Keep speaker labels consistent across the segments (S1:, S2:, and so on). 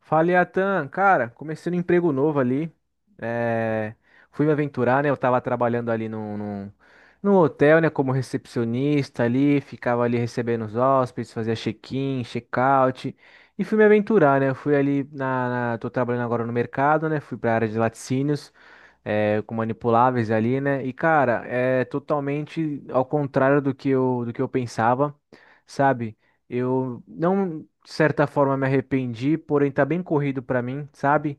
S1: Falei, Atan, cara, comecei um emprego novo ali. É, fui me aventurar, né? Eu tava trabalhando ali num hotel, né? Como recepcionista ali, ficava ali recebendo os hóspedes, fazia check-in, check-out. E fui me aventurar, né? Eu fui ali na. Tô trabalhando agora no mercado, né? Fui pra área de laticínios, é, com manipuláveis ali, né? E, cara, é totalmente ao contrário do que eu pensava, sabe? Eu não de certa forma me arrependi, porém tá bem corrido pra mim, sabe?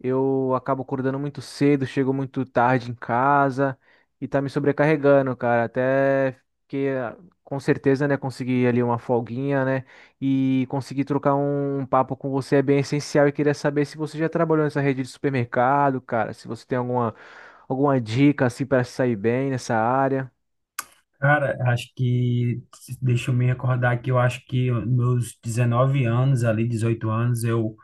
S1: Eu acabo acordando muito cedo, chego muito tarde em casa e tá me sobrecarregando, cara. Até que com certeza, né, conseguir ali uma folguinha, né, e conseguir trocar um papo com você é bem essencial e queria saber se você já trabalhou nessa rede de supermercado, cara, se você tem alguma dica assim para sair bem nessa área.
S2: Cara, deixa eu me recordar que eu acho que meus 19 anos, ali 18 anos, eu,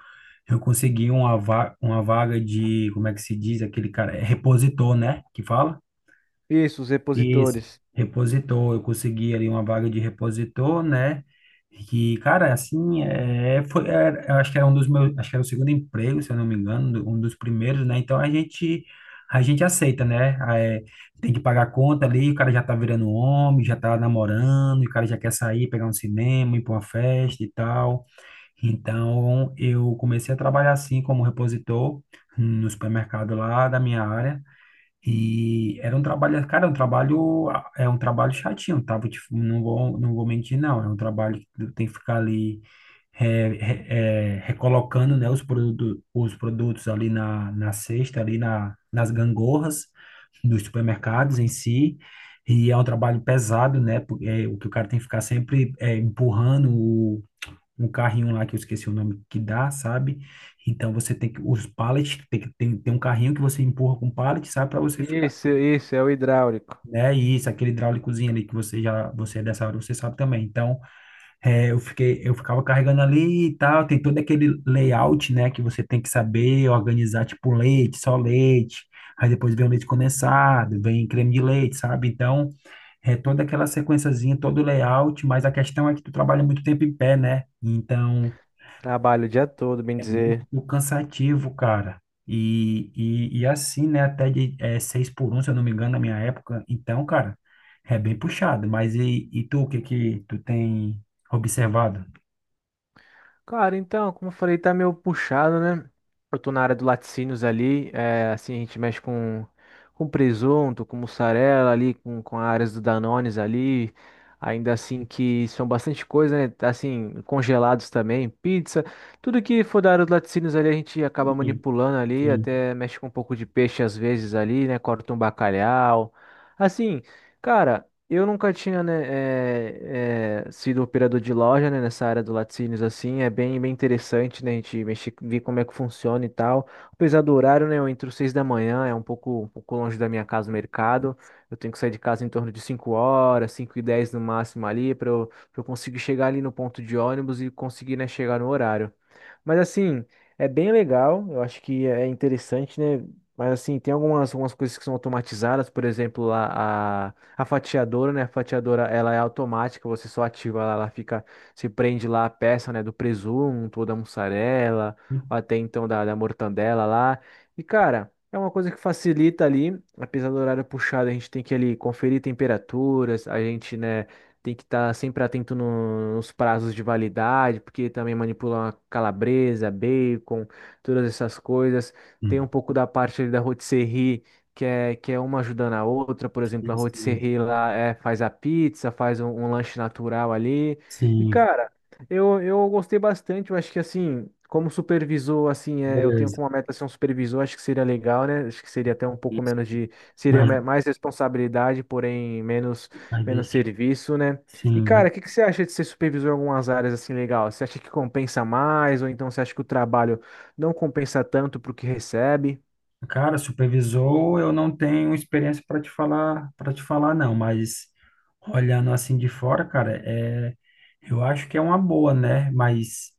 S2: eu consegui uma vaga de, como é que se diz, aquele cara, é repositor, né, que fala?
S1: Isso, os
S2: Isso,
S1: repositores.
S2: repositor, eu consegui ali uma vaga de repositor, né? Que, cara, eu acho que era um dos meus, acho que era o segundo emprego, se eu não me engano, um dos primeiros, né? A gente aceita, né? Tem que pagar a conta ali, o cara já tá virando homem, já tá namorando, e o cara já quer sair, pegar um cinema, ir pra uma festa e tal. Então eu comecei a trabalhar assim como repositor no supermercado lá da minha área. E era um trabalho, cara, um trabalho, é um trabalho chatinho, tá? Vou te- não vou, não vou mentir, não. É um trabalho que tu tem que ficar ali recolocando, né, os produtos ali na cesta, nas gangorras dos supermercados em si. E é um trabalho pesado, né? Porque o que o cara tem que ficar sempre empurrando um carrinho lá que eu esqueci o nome que dá, sabe? Então você tem que os pallets, tem um carrinho que você empurra com pallet, sabe, para você ficar,
S1: Isso é o hidráulico.
S2: né? E isso, aquele hidráulicozinho ali que você é dessa hora, você sabe também. Então, eu ficava carregando ali e tal, tem todo aquele layout, né, que você tem que saber organizar tipo leite, só leite. Aí depois vem o leite condensado, vem creme de leite, sabe? Então, é toda aquela sequenciazinha, todo o layout, mas a questão é que tu trabalha muito tempo em pé, né? Então,
S1: Trabalho o dia todo, bem
S2: é
S1: dizer.
S2: muito cansativo, cara. E assim, né? 6 por 1, se eu não me engano, na minha época. Então, cara, é bem puxado. Mas tu, o que que tu tem observado?
S1: Cara, então, como eu falei, tá meio puxado, né? Eu tô na área do laticínios ali, é, assim, a gente mexe com presunto, com mussarela ali, com áreas do Danones ali, ainda assim que são bastante coisa, né? Tá, assim, congelados também, pizza, tudo que for da área do laticínios ali a gente acaba
S2: Sim,
S1: manipulando ali,
S2: sim.
S1: até mexe com um pouco de peixe às vezes ali, né? Corta um bacalhau, assim... Cara, eu nunca tinha, né, sido operador de loja, né, nessa área do laticínios, assim, é bem, bem interessante, né, a gente mexer, ver como é que funciona e tal. Apesar do horário, né, eu entro 6 da manhã, é um pouco longe da minha casa, o mercado, eu tenho que sair de casa em torno de 5 horas, 5:10 no máximo ali, pra eu conseguir chegar ali no ponto de ônibus e conseguir, né, chegar no horário. Mas, assim, é bem legal, eu acho que é interessante, né, mas, assim, tem algumas coisas que são automatizadas, por exemplo, a- a fatiadora, né? A fatiadora, ela é automática, você só ativa ela fica, se prende lá a peça, né, do presunto, ou da mussarela, ou até então da mortandela lá. E, cara, é uma coisa que facilita ali, apesar do horário puxado, a gente tem que ali conferir temperaturas, a gente, né, tem que estar sempre atento nos prazos de validade, porque também manipula uma calabresa, bacon, todas essas coisas. Tem um
S2: Hum,
S1: pouco da parte ali da rotisserie que é uma ajudando a outra, por exemplo, a
S2: sim, sim,
S1: rotisserie lá é, faz a pizza, faz um lanche natural ali. E,
S2: sim.
S1: cara, eu gostei bastante, eu acho que assim, como supervisor, assim, é, eu tenho
S2: Beleza.
S1: como meta ser um supervisor, acho que seria legal, né? Acho que seria até um pouco
S2: Isso.
S1: menos de, seria
S2: Mas,
S1: mais responsabilidade, porém menos,
S2: mas
S1: menos
S2: deixa.
S1: serviço, né? E,
S2: Sim, mas,
S1: cara, o que que você acha de ser supervisor em algumas áreas assim legal? Você acha que compensa mais, ou então você acha que o trabalho não compensa tanto pro que recebe?
S2: cara, supervisor, eu não tenho experiência para te falar, não. Mas olhando assim de fora, cara, é, eu acho que é uma boa, né? Mas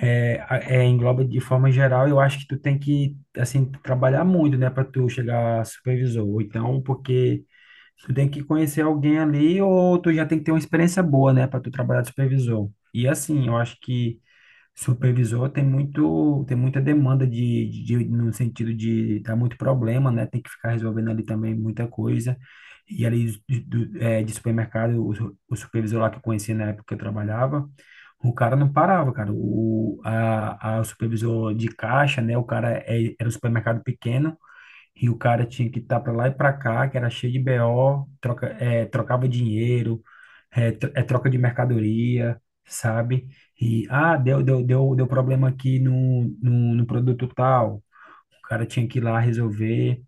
S2: engloba de forma geral, eu acho que tu tem que, assim, trabalhar muito, né, para tu chegar a supervisor. Ou então, porque tu tem que conhecer alguém ali, ou tu já tem que ter uma experiência boa, né, para tu trabalhar de supervisor. E assim, eu acho que supervisor tem muita demanda no sentido de dar muito problema, né? Tem que ficar resolvendo ali também muita coisa. E ali de supermercado, o supervisor lá que eu conheci na época que eu trabalhava, o cara não parava, cara. O supervisor de caixa, né? Era um supermercado pequeno e o cara tinha que estar para lá e para cá, que era cheio de BO, trocava dinheiro, troca de mercadoria, sabe? Deu problema aqui no produto tal. O cara tinha que ir lá resolver.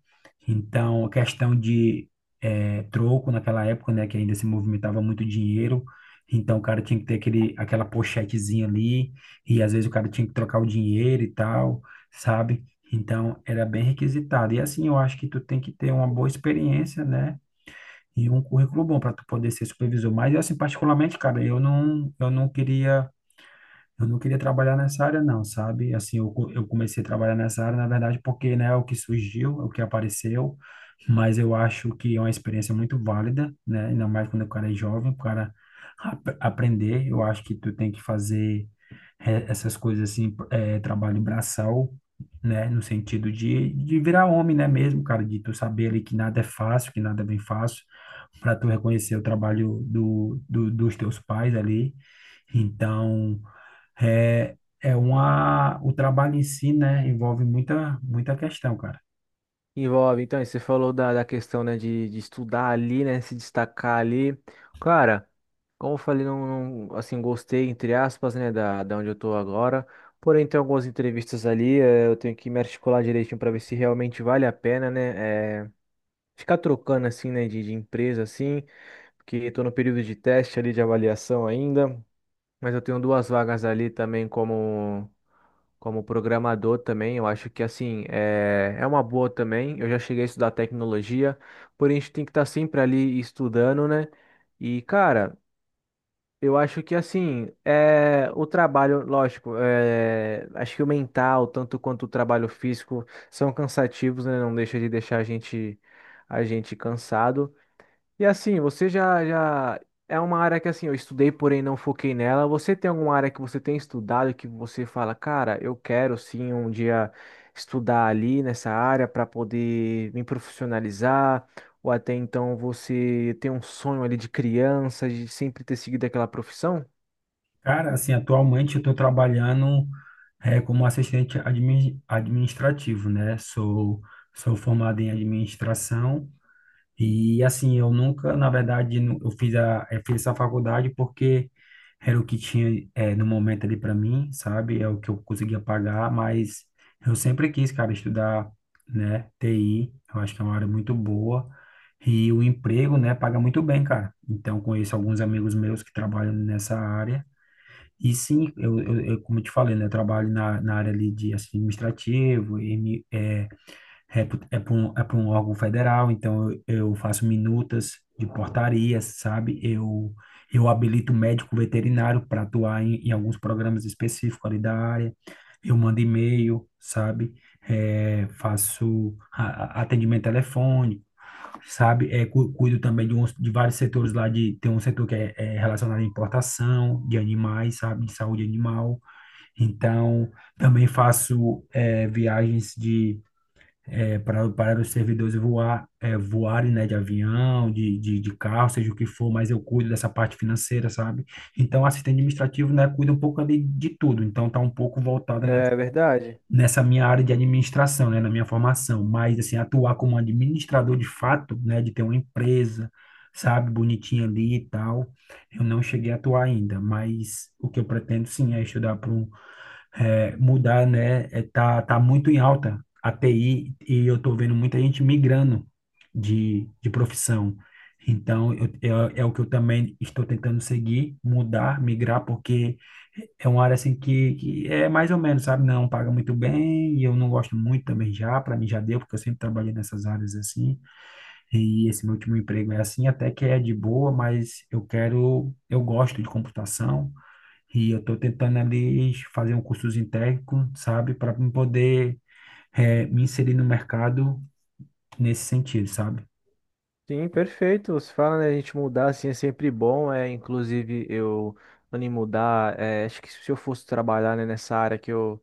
S2: Então, a questão de troco naquela época, né, que ainda se movimentava muito dinheiro. Então, o cara tinha que ter aquela pochetezinha ali, e às vezes o cara tinha que trocar o dinheiro e tal, sabe? Então, era bem requisitado. E assim, eu acho que tu tem que ter uma boa experiência, né? E um currículo bom para tu poder ser supervisor. Mas, assim, particularmente, cara, eu não queria trabalhar nessa área, não, sabe? Assim, eu comecei a trabalhar nessa área, na verdade, porque, né, é o que surgiu, é o que apareceu, mas eu acho que é uma experiência muito válida, né? Ainda mais quando o cara é jovem, aprender. Eu acho que tu tem que fazer essas coisas assim, trabalho braçal, né? No sentido de virar homem, né, mesmo, cara? De tu saber ali que nada é fácil, que nada é bem fácil, para tu reconhecer o trabalho dos teus pais ali. Então. O trabalho em si, né, envolve muita questão, cara.
S1: Envolve, então, e você falou da questão, né, de estudar ali, né, se destacar ali. Cara, como eu falei, não, assim, gostei, entre aspas, né, da onde eu tô agora. Porém, tem algumas entrevistas ali, eu tenho que me articular direitinho para ver se realmente vale a pena, né, ficar trocando, assim, né, de empresa, assim, porque tô no período de teste ali, de avaliação ainda. Mas eu tenho duas vagas ali também como programador também. Eu acho que assim é uma boa também. Eu já cheguei a estudar tecnologia, porém a gente tem que estar sempre ali estudando, né? E cara, eu acho que assim é o trabalho, lógico, é, acho que o mental tanto quanto o trabalho físico são cansativos, né? Não deixa de deixar a gente cansado. E assim, você já é uma área que assim, eu estudei, porém não foquei nela. Você tem alguma área que você tem estudado que você fala, cara, eu quero sim um dia estudar ali nessa área para poder me profissionalizar, ou até então você tem um sonho ali de criança, de sempre ter seguido aquela profissão?
S2: Cara, assim, atualmente eu estou trabalhando como administrativo, né? Sou formado em administração. E assim, eu nunca, na verdade, eu fiz essa faculdade porque era o que tinha no momento ali para mim, sabe? É o que eu conseguia pagar, mas eu sempre quis, cara, estudar, né, TI. Eu acho que é uma área muito boa. E o emprego, né, paga muito bem, cara. Então, conheço alguns amigos meus que trabalham nessa área. E sim, eu como eu te falei, né, eu trabalho na área ali de administrativo, é por um órgão federal, então eu faço minutas de portarias, sabe? Eu habilito médico veterinário para atuar em alguns programas específicos ali da área. Eu mando e-mail, sabe? É, faço atendimento telefônico, sabe? Cuido também de vários setores lá de tem um setor que é relacionado à importação de animais, sabe? De saúde animal. Então, também faço viagens para os servidores voarem, né, de avião, de carro, seja o que for, mas eu cuido dessa parte financeira, sabe? Então, assistente administrativo, né, cuida um pouco ali de tudo. Então, tá um pouco voltada
S1: É verdade.
S2: nessa minha área de administração, né, na minha formação. Mas, assim, atuar como administrador de fato, né, de ter uma empresa, sabe, bonitinha ali e tal, eu não cheguei a atuar ainda. Mas o que eu pretendo, sim, é estudar para um mudar, né? Tá muito em alta a TI e eu tô vendo muita gente migrando de profissão. Então, eu, é o que eu também estou tentando seguir, mudar, migrar, porque é uma área que é mais ou menos, sabe? Não paga muito bem e eu não gosto muito também já, para mim já deu, porque eu sempre trabalhei nessas áreas assim. E esse meu último emprego é assim, até que é de boa, mas eu quero, eu gosto de computação, e eu estou tentando ali fazer um cursozinho técnico, sabe, para poder me inserir no mercado nesse sentido, sabe?
S1: Sim, perfeito. Você fala, né? A gente mudar assim é sempre bom. É, inclusive, eu, antes de mudar, é, acho que se eu fosse trabalhar, né, nessa área que eu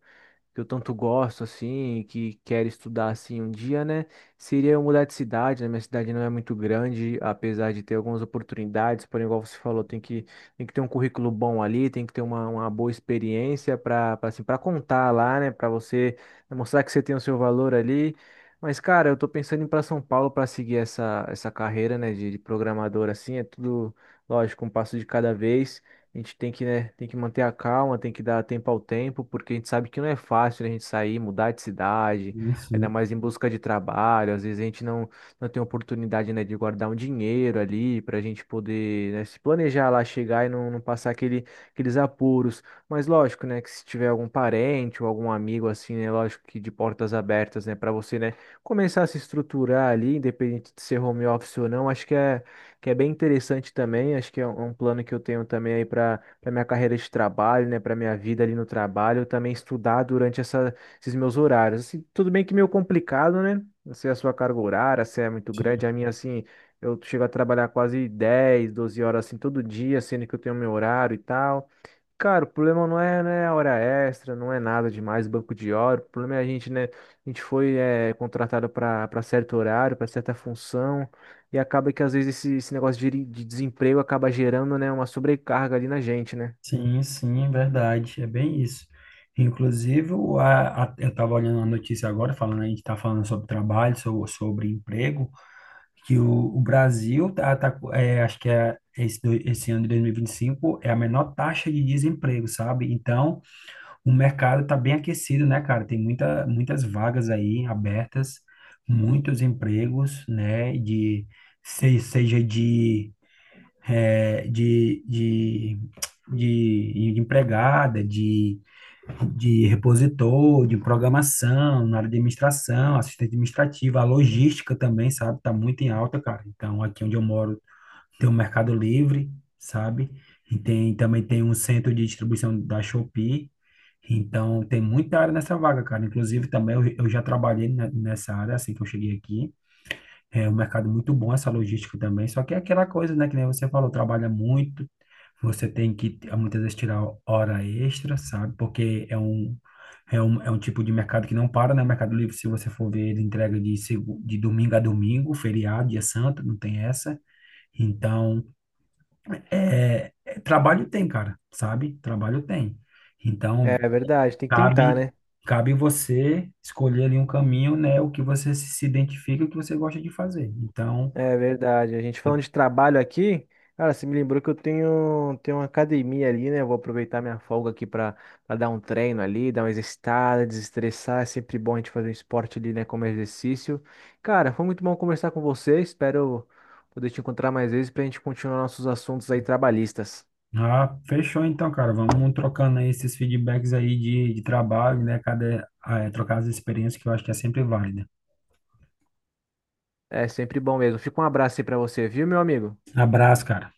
S1: que eu tanto gosto, assim, que quero estudar, assim, um dia, né? Seria eu mudar de cidade, né? Minha cidade não é muito grande, apesar de ter algumas oportunidades, porém, igual você falou, tem que ter um currículo bom ali, tem que ter uma boa experiência para, assim, para contar lá, né? Para você né, mostrar que você tem o seu valor ali. Mas, cara, eu tô pensando em ir para São Paulo para seguir essa carreira, né, de programador, assim, é tudo, lógico, um passo de cada vez. A gente tem que, né, tem que manter a calma, tem que dar tempo ao tempo, porque a gente sabe que não é fácil, né, a gente sair, mudar de cidade, ainda
S2: Isso.
S1: mais em busca de trabalho. Às vezes a gente não tem oportunidade, né, de guardar um dinheiro ali para a gente poder, né, se planejar lá, chegar e não passar aqueles apuros. Mas lógico, né, que se tiver algum parente ou algum amigo assim, né, lógico que de portas abertas, né, para você, né, começar a se estruturar ali, independente de ser home office ou não, acho que é bem interessante também. Acho que é um plano que eu tenho também aí para minha carreira de trabalho, né, para minha vida ali no trabalho, eu também estudar durante esses meus horários. Assim, tudo bem que meio complicado, né? Não sei a sua carga horária, se é muito grande, a minha assim, eu chego a trabalhar quase 10 12 horas assim todo dia, sendo que eu tenho meu horário e tal. Cara, o problema não é, né, hora extra, não é nada demais, banco de hora. O problema é a gente, né? A gente foi contratado para certo horário, para certa função, e acaba que às vezes esse negócio de desemprego acaba gerando, né, uma sobrecarga ali na gente, né?
S2: Sim, sim, é verdade. É bem isso. Inclusive, eu estava olhando uma notícia agora, falando, a gente está falando sobre trabalho, sobre emprego, que o Brasil acho que é esse, esse ano de 2025 é a menor taxa de desemprego, sabe? Então, o mercado está bem aquecido, né, cara? Tem muitas vagas aí abertas, muitos empregos, né? De, se- seja de, eh, de empregada, de repositor, de programação, na área de administração, assistente administrativa, a logística também, sabe? Está muito em alta, cara. Então, aqui onde eu moro, tem o Mercado Livre, sabe? E tem, também tem um centro de distribuição da Shopee. Então, tem muita área nessa vaga, cara. Inclusive, também eu já trabalhei nessa área assim que eu cheguei aqui. É um mercado muito bom essa logística também. Só que é aquela coisa, né? Que nem você falou, trabalha muito. Você tem que, muitas vezes, tirar hora extra, sabe? Porque é um tipo de mercado que não para, né? O Mercado Livre, se você for ver, ele entrega de, de domingo a domingo, feriado, dia santo, não tem essa. Então, trabalho tem, cara, sabe? Trabalho tem.
S1: É,
S2: Então,
S1: é verdade, tem que tentar,
S2: cabe,
S1: né?
S2: cabe você escolher ali um caminho, né? O que você se identifica, o que você gosta de fazer. Então,
S1: É verdade. A gente falando de trabalho aqui, cara, você me lembrou que eu tenho uma academia ali, né? Eu vou aproveitar minha folga aqui para dar um treino ali, dar uma exercitada, desestressar. É sempre bom a gente fazer um esporte ali, né? Como exercício. Cara, foi muito bom conversar com você. Espero poder te encontrar mais vezes pra gente continuar nossos assuntos aí trabalhistas.
S2: ah, fechou então, cara. Vamos trocando aí esses feedbacks aí de trabalho, né? Trocar as experiências que eu acho que é sempre válida.
S1: É sempre bom mesmo. Fica um abraço aí pra você, viu, meu amigo?
S2: Abraço, cara.